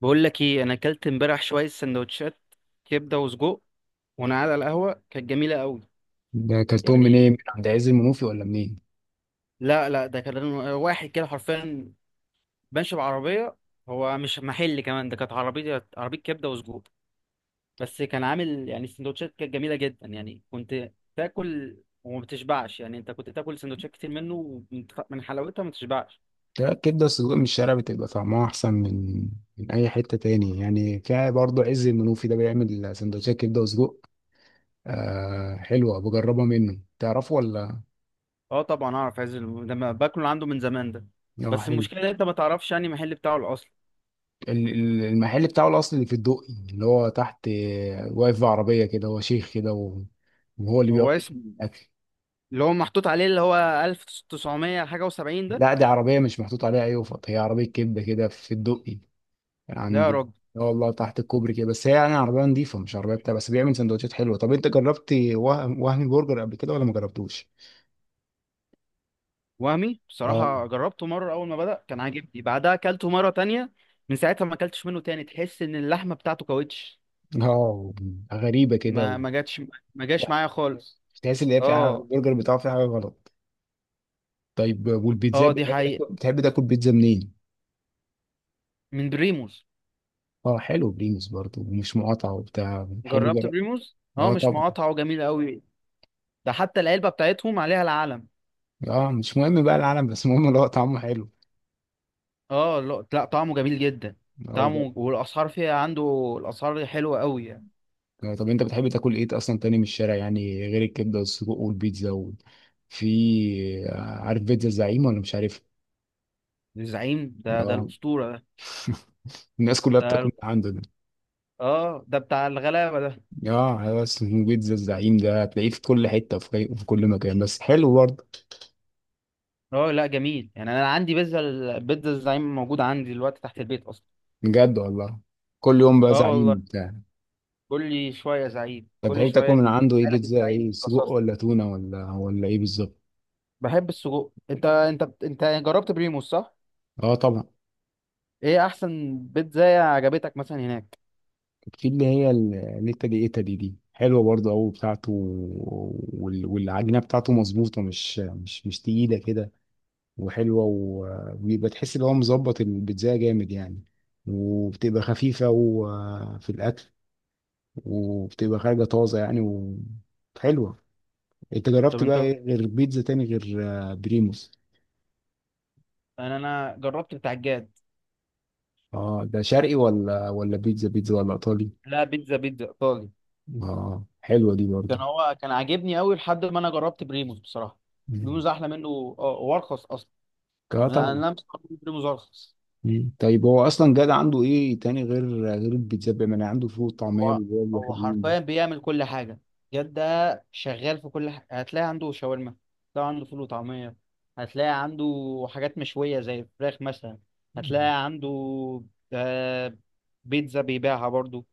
بقول لك ايه، انا اكلت امبارح شويه سندوتشات كبده وسجق وانا قاعد على القهوه، كانت جميله قوي. ده اكلتهم منين؟ يعني من عند عز المنوفي ولا منين؟ لا لا، ده كان واحد كده حرفيا ماشي بعربيه. هو مش محل كمان، ده كانت عربيه عربيه كبده وسجق. بس كان عامل يعني السندوتشات كانت جميله جدا، يعني كنت تاكل وما بتشبعش. يعني انت كنت تاكل سندوتشات كتير منه، ومن- من حلاوتها ما تشبعش. ده الكبدة السجق من الشارع بتبقى طعمها أحسن من أي حتة تاني، يعني في برضه عز المنوفي ده بيعمل سندوتشات كبدة وسجق. آه حلوة، بجربها منه، تعرفه ولا؟ اه طبعا اعرف، عايز ده ما باكله عنده من زمان ده. اه بس حلو. المشكله إن انت ما تعرفش يعني المحل بتاعه الاصلي. المحل بتاعه الأصلي اللي في الدقي، اللي هو تحت، واقف في عربية كده، هو شيخ كده وهو اللي بيقعد هو اسمه يعمل الأكل. اللي هو محطوط عليه اللي هو 1900 حاجة و70 ده. لا دي عربية مش محطوط عليها أي، أيوة، هي عربية كبدة كده في الدقي لا يا عندي. راجل. اه والله، تحت الكوبري كده، بس هي يعني عربية نظيفة مش عربية بتاع، بس بيعمل سندوتشات حلوة. طب انت جربت وهمي برجر قبل كده ولا ما جربتوش؟ وهمي اه. بصراحة جربته مرة أول ما بدأ كان عاجبني، بعدها أكلته مرة تانية. من ساعتها ما أكلتش منه تاني. تحس إن اللحمة بتاعته كاوتش. اه. غريبة كده ما ما جاتش، ما جاش معايا خالص. تحس ان هي في حاجة، اه. البرجر بتاعه في حاجة غلط. طيب والبيتزا، اه، دي بتحب تاكل حقيقة، بتحب تاكل بيتزا منين؟ من بريموز. اه حلو، بريموس برضه ومش مقاطعة وبتاع، حلو، جربت جرب. بريموز، اه، اه مش طبعا. مقاطعة وجميل قوي. ده حتى العلبة بتاعتهم عليها العلم. اه مش مهم بقى العالم، بس المهم اللي هو طعمه حلو. اه، لا لا، طعمه جميل جدا. اه، طعمه والأسعار، فيها عنده الأسعار حلوة قوي يعني. طب انت بتحب تاكل ايه اصلا تاني من الشارع يعني، غير الكبده والسجق والبيتزا في، عارف بيتزا الزعيم ولا مش عارف؟ الزعيم ده اه. الأسطورة ده. الناس كلها بتاكل ده من عنده ده. اه، ده بتاع الغلابه ده. اه بس بيتزا الزعيم ده هتلاقيه في كل حته، في كل مكان، بس حلو برضه. اه لا، جميل يعني. انا عندي البيتزا الزعيم موجود عندي دلوقتي تحت البيت اصلا. بجد والله، كل يوم بقى اه زعيم والله. بتاع. كل شويه زعيم، طب كل بتحب تاكل شويه من عنده ايه؟ نجيلك. بيتزا، الزعيم ايه، سجق، بترصصني. ولا تونه، ولا ايه بالظبط؟ بحب السجق. انت انت جربت بريموس صح؟ اه طبعا. ايه احسن بيتزا عجبتك مثلا هناك؟ في اللي هي النيتا دي، ايتا دي حلوه برضه قوي بتاعته، والعجينه بتاعته مظبوطه، مش تقيله كده، وحلوه، وبيبقى تحس ان هو مظبط البيتزا جامد يعني، وبتبقى خفيفه وفي الاكل، وبتبقى خارجه طازه يعني، وحلوه. انت طب جربت بقى انت، إيه غير بيتزا تاني، غير… بريموس. انا جربت بتاع الجاد. اه ده شرقي ولا بيتزا بيتزا، ولا ايطالي؟ لا بيتزا بيتزا ايطالي. اه حلوه دي برضه. كان عاجبني قوي لحد ما انا جربت بريموس بصراحه. مم. بريموس احلى منه. اه وارخص اصلا. اه انا طبعا. أنا مستغرب إن بريموس ارخص. مم. طيب هو اصلا جاد عنده ايه تاني، غير البيتزا؟ بيعمل عنده فول وطعميه هو بالواجب، هو حلوين برضه. حرفيا بيعمل كل حاجة. جد ده شغال في كل حاجة. هتلاقي عنده شاورما، هتلاقي عنده فول وطعمية، هتلاقي عنده حاجات مشوية زي الفراخ مثلا، مم. هتلاقي عنده آه، بيتزا بيبيعها برضو.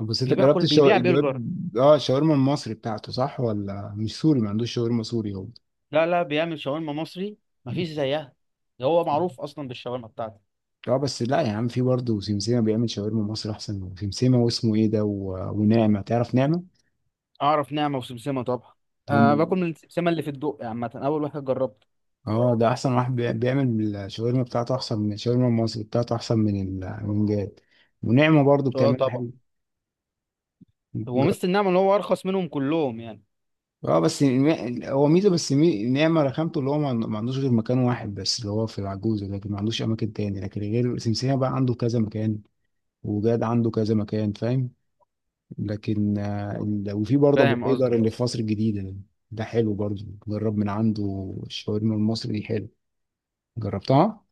بس انت جربت بيبيع جربت، برجر. اه الشاورما المصري بتاعته صح، ولا مش سوري؟ ما عندوش شاورما سوري هو؟ لا لا، بيعمل شاورما مصري، مفيش زيها. ده هو معروف أصلا بالشاورما بتاعته. اه، بس لا يا عم، في برضه سمسمه بيعمل شاورما مصري احسن منه. سمسمه، واسمه ايه ده ونعمه، تعرف نعمه؟ أعرف نعمة وسمسمة طبعا. هم. أه، باكل من السمسمة اللي في الدق عامة، أول واحد جربته. اه ده احسن واحد بيعمل الشاورما بتاعته احسن من الشاورما المصري بتاعته، احسن من من جاد. ونعمه برضه اه بتعملها. طبعا. هو حلو. ميزة النعمة إن هو أرخص منهم كلهم يعني. اه بس هو ميزه، بس نعمه رخامته اللي هو، ما عندوش غير مكان واحد بس، اللي هو في العجوزه، لكن ما عندوش اماكن تاني، لكن غير سمسيه بقى عنده كذا مكان، وجاد عنده كذا مكان، فاهم. لكن وفي برضه ابو فاهم حيدر قصدك. اللي في مصر الجديده ده، ده حلو برضه، جرب من عنده الشاورما المصري دي، حلو. جربتها؟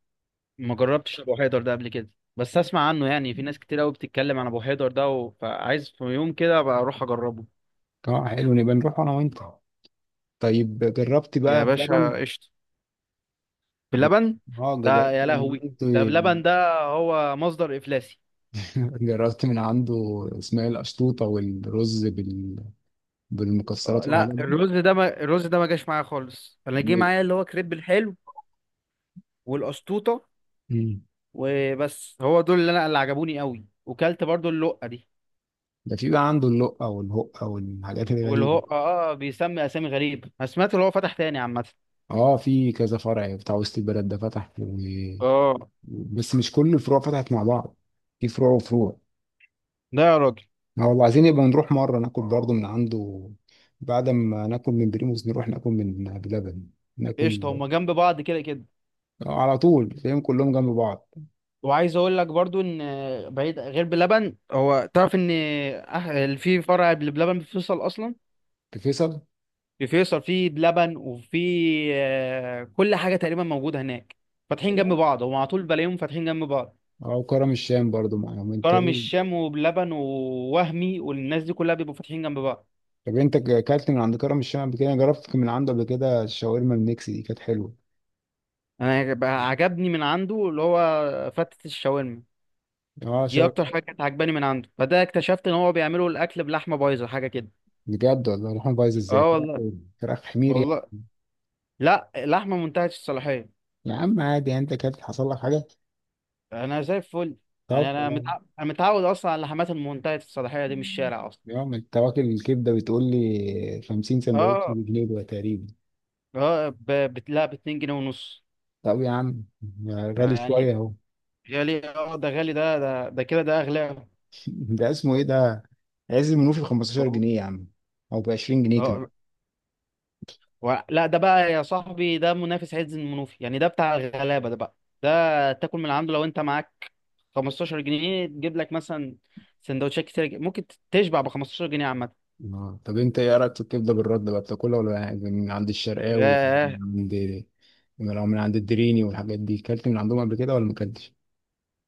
ما جربتش ابو حيدر ده قبل كده، بس اسمع عنه يعني. في ناس كتير قوي بتتكلم عن ابو حيدر ده فعايز في يوم كده ابقى اروح اجربه. اه حلو، نبقى نروح انا وانت. طيب جربت يا بقى بلبن؟ باشا قشطه. ب- بلبن؟ اه ده جربت يا من لهوي، عنده. ده بلبن ده هو مصدر افلاسي. جربت من عنده اسماعيل قشطوطه والرز بال، بالمكسرات والحاجات لا دي. الرز ده ما... الرز ده ما جاش معايا خالص. انا جه معايا اللي هو كريب الحلو والقشطوطه مم. وبس. هو دول اللي انا اللي عجبوني قوي، وكلت برضو اللقه دي. ده في بقى عنده اللقة والهقة والحاجات واللي هو الغريبة. بيسمي اسامي غريب. انا سمعت اللي هو فتح تاني عامه. اه في كذا فرع بتاع وسط البلد ده فتح اه. بس مش كل الفروع فتحت مع بعض، في فروع وفروع. ده يا راجل. ما والله عايزين يبقى نروح مرة ناكل برضه من عنده، بعد ما ناكل من بريموس نروح ناكل من بلبن، ناكل. قشطه، هما جنب بعض كده كده. على طول، فاهم، كلهم جنب بعض. وعايز اقول لك برضو ان بعيد غير بلبن، هو تعرف ان في فرع بلبن في فيصل اصلا. في فيصل. في فيصل، في بلبن وفي كل حاجه تقريبا موجوده هناك. فاتحين جنب بعض هم، على طول بلاقيهم فاتحين جنب بعض. اه، وكرم الشام برضو معاهم، انت كرم ايه؟ الشام وبلبن ووهمي والناس دي كلها بيبقوا فاتحين جنب بعض. طب انت اكلت من عند كرم الشام قبل كده؟ جربت من عنده قبل كده؟ الشاورما الميكس دي كانت حلوه. انا بقى عجبني من عنده اللي هو فتة الشاورما. اه دي اكتر حاجه كانت عجباني من عنده. فده اكتشفت ان هو بيعملوا الاكل بلحمه بايظه حاجه كده. بجد والله، روحهم بايظ ازاي، اه فراخ، والله. فراخ حمير والله. يعني. لا، لحمه منتهيه الصلاحيه. يا عم عادي يعني، انت كانت حصل لك حاجه؟ انا زي الفل. يعني طب خلاص. انا متعود اصلا على اللحمات المنتهيه الصلاحيه دي من الشارع اصلا. يا عم انت واكل الكبده، بتقول لي 50 سندوتش اه. بجنيه ده تقريبا؟ اه لا، ب 2 جنيه ونص. طب يا عم، غالي يعني شويه اهو. غالي، اه ده غالي، ده ده كده، ده اغلى. ده اسمه ايه ده؟ عز المنوفي ب 15 والله. جنيه يا عم، او ب 20 جنيه كمان. اه. لا ده بقى يا صاحبي، ده منافس عز المنوفي يعني. ده بتاع الغلابه ده بقى. ده تاكل من عنده لو انت معاك 15 جنيه تجيب لك مثلا سندوتشات كتير. ممكن تشبع ب 15 جنيه عامه. اه طب انت ايه رايك في الكبده بالرد بقى، بتاكلها ولا من عند الشرقاوي يعني؟ ياه. من عند، لو من عند الدريني والحاجات دي، كلت من عندهم قبل كده ولا ما كلتش؟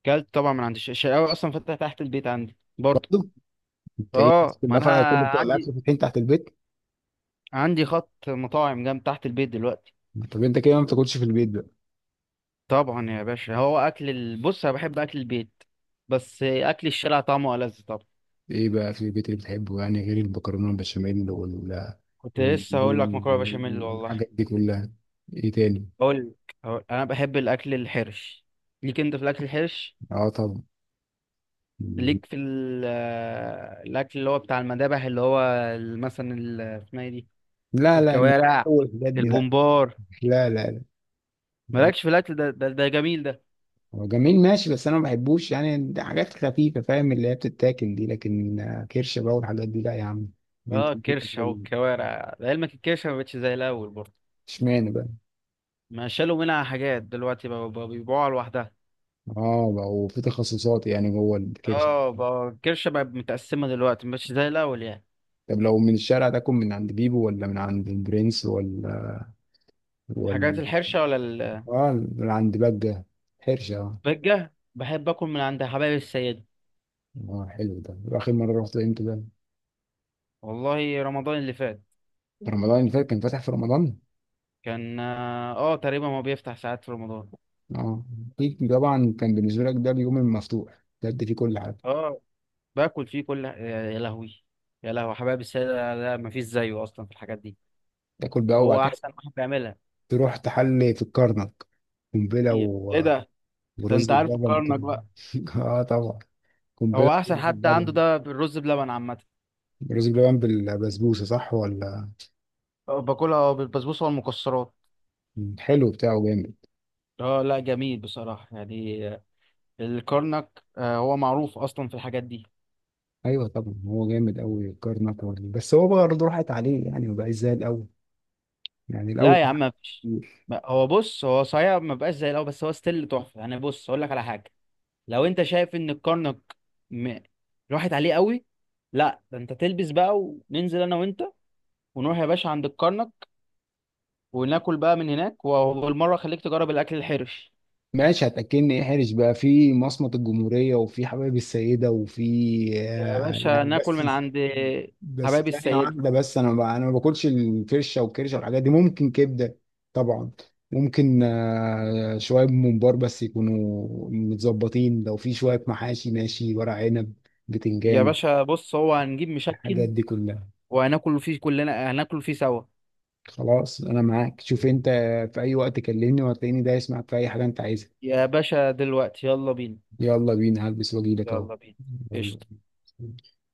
كلت طبعا من عند الشقاوي، اصلا فاتحه تحت البيت عندي برضه. انت ايه، الناس اه ما كلها انا فعلا كل بتوع الاكل عندي فاتحين تحت البيت؟ عندي خط مطاعم جنب تحت البيت دلوقتي. طب انت كده ما بتاكلش في البيت بقى؟ طبعا يا باشا، هو اكل بص، انا بحب اكل البيت، بس اكل الشارع طعمه ألذ طبعا. ايه بقى في البيت اللي بتحبه يعني، غير المكرونه البشاميل وال، كنت لسه هقول لك مكرونه بشاميل والله. والحاجات دي كلها؟ ايه تاني؟ اقول لك، انا بحب الاكل الحرش. ليك انت في الاكل الحرش؟ اه طبعا. ليك في الاكل اللي هو بتاع المذابح، اللي هو اسمها ايه دي، لا لا الكوارع، اول الحاجات دي لا. البومبار. لا لا. لا. مالكش في الاكل ده؟ ده جميل ده. هو جميل ماشي، بس انا ما بحبوش يعني، ده حاجات خفيفه فاهم اللي هي بتتاكل دي، لكن كرش بقى والحاجات دي لا يا عم. اه انت الكرش او بتاكل؟ الكوارع، لعلمك الكرشه ما بقتش زي الاول برضه. اشمعنى بقى؟ ما شالوا منها حاجات دلوقتي، بقى بيبيعوها لوحدها. اه بقى، وفي تخصصات يعني جوه الكرش. اه بقى الكرشة بقت متقسمة دلوقتي، مش زي الأول يعني. طب لو من الشارع تاكل من عند بيبو، ولا من عند البرنس، ولا، حاجات ولا، الحرشة ولا؟ اه من عند بجة؟ حرشة اه. البجة بحب أكل من عند حبايب السيدة. حلو ده، واخر مرة رحت امتى ده؟ والله رمضان اللي فات. في رمضان اللي فات؟ كان فاتح في رمضان؟ كان تقريبا هو بيفتح ساعات في رمضان. اه. أكيد طبعا، كان بالنسبة لك ده اليوم المفتوح بجد، فيه كل حاجة. اه. باكل فيه كل، يا لهوي. يا لهوي، حبايب السيدة لا مفيش زيه أصلا في الحاجات دي. تاكل بقى وبعد هو كده أحسن واحد بيعملها. تروح تحلي في الكرنك، قنبلة ايه؟ ده؟ ده انت ورز عارف بلبن. الكرنك بقى. اه طبعا، هو قنبلة أحسن ورز حد عنده بلبن. ده بالرز بلبن عامة. رز بلبن بالبسبوسة صح ولا؟ باكلها بالبسبوسة والمكسرات. حلو بتاعه جامد. اه لا، جميل بصراحة يعني. الكرنك هو معروف أصلا في الحاجات دي. ايوه طبعا، هو جامد قوي كارناك برضه، بس هو برضه راحت عليه يعني، ما بقاش زي الاول، يعني الاول لا يا عم، مفيش. كان- هو بص، هو صحيح ما بقاش زي الأول، بس هو ستيل تحفة يعني. بص أقول لك على حاجة، لو أنت شايف إن الكرنك م... راحت عليه قوي، لا ده أنت تلبس بقى، وننزل أنا وأنت، ونروح يا باشا عند الكرنك، وناكل بقى من هناك، وبالمرة خليك تجرب الأكل الحرش. ماشي، هتاكلني ايه؟ حرج بقى في مصمت الجمهوريه، وفي حبايب السيده، وفي، يا باشا يعني، ناكل من بس، عند بس حبايب ثانيه السيدة. واحده، بس انا ما باكلش الفرشه والكرشه والحاجات دي، ممكن كبده طبعا، ممكن شويه ممبار بس يكونوا متظبطين، لو في شويه محاشي ماشي، ورق عنب، يا بتنجان، باشا بص، هو هنجيب الحاجات مشكل دي كلها. وهناكل فيه كلنا، هناكل فيه سوا. خلاص انا معاك، شوف انت، في اي وقت كلمني وهتلاقيني دايس معاك في اي حاجه انت عايزها. يا باشا دلوقتي يلا بينا. يلا بينا، هلبس واجيلك اهو. يلا بينا، يلا. قشطة.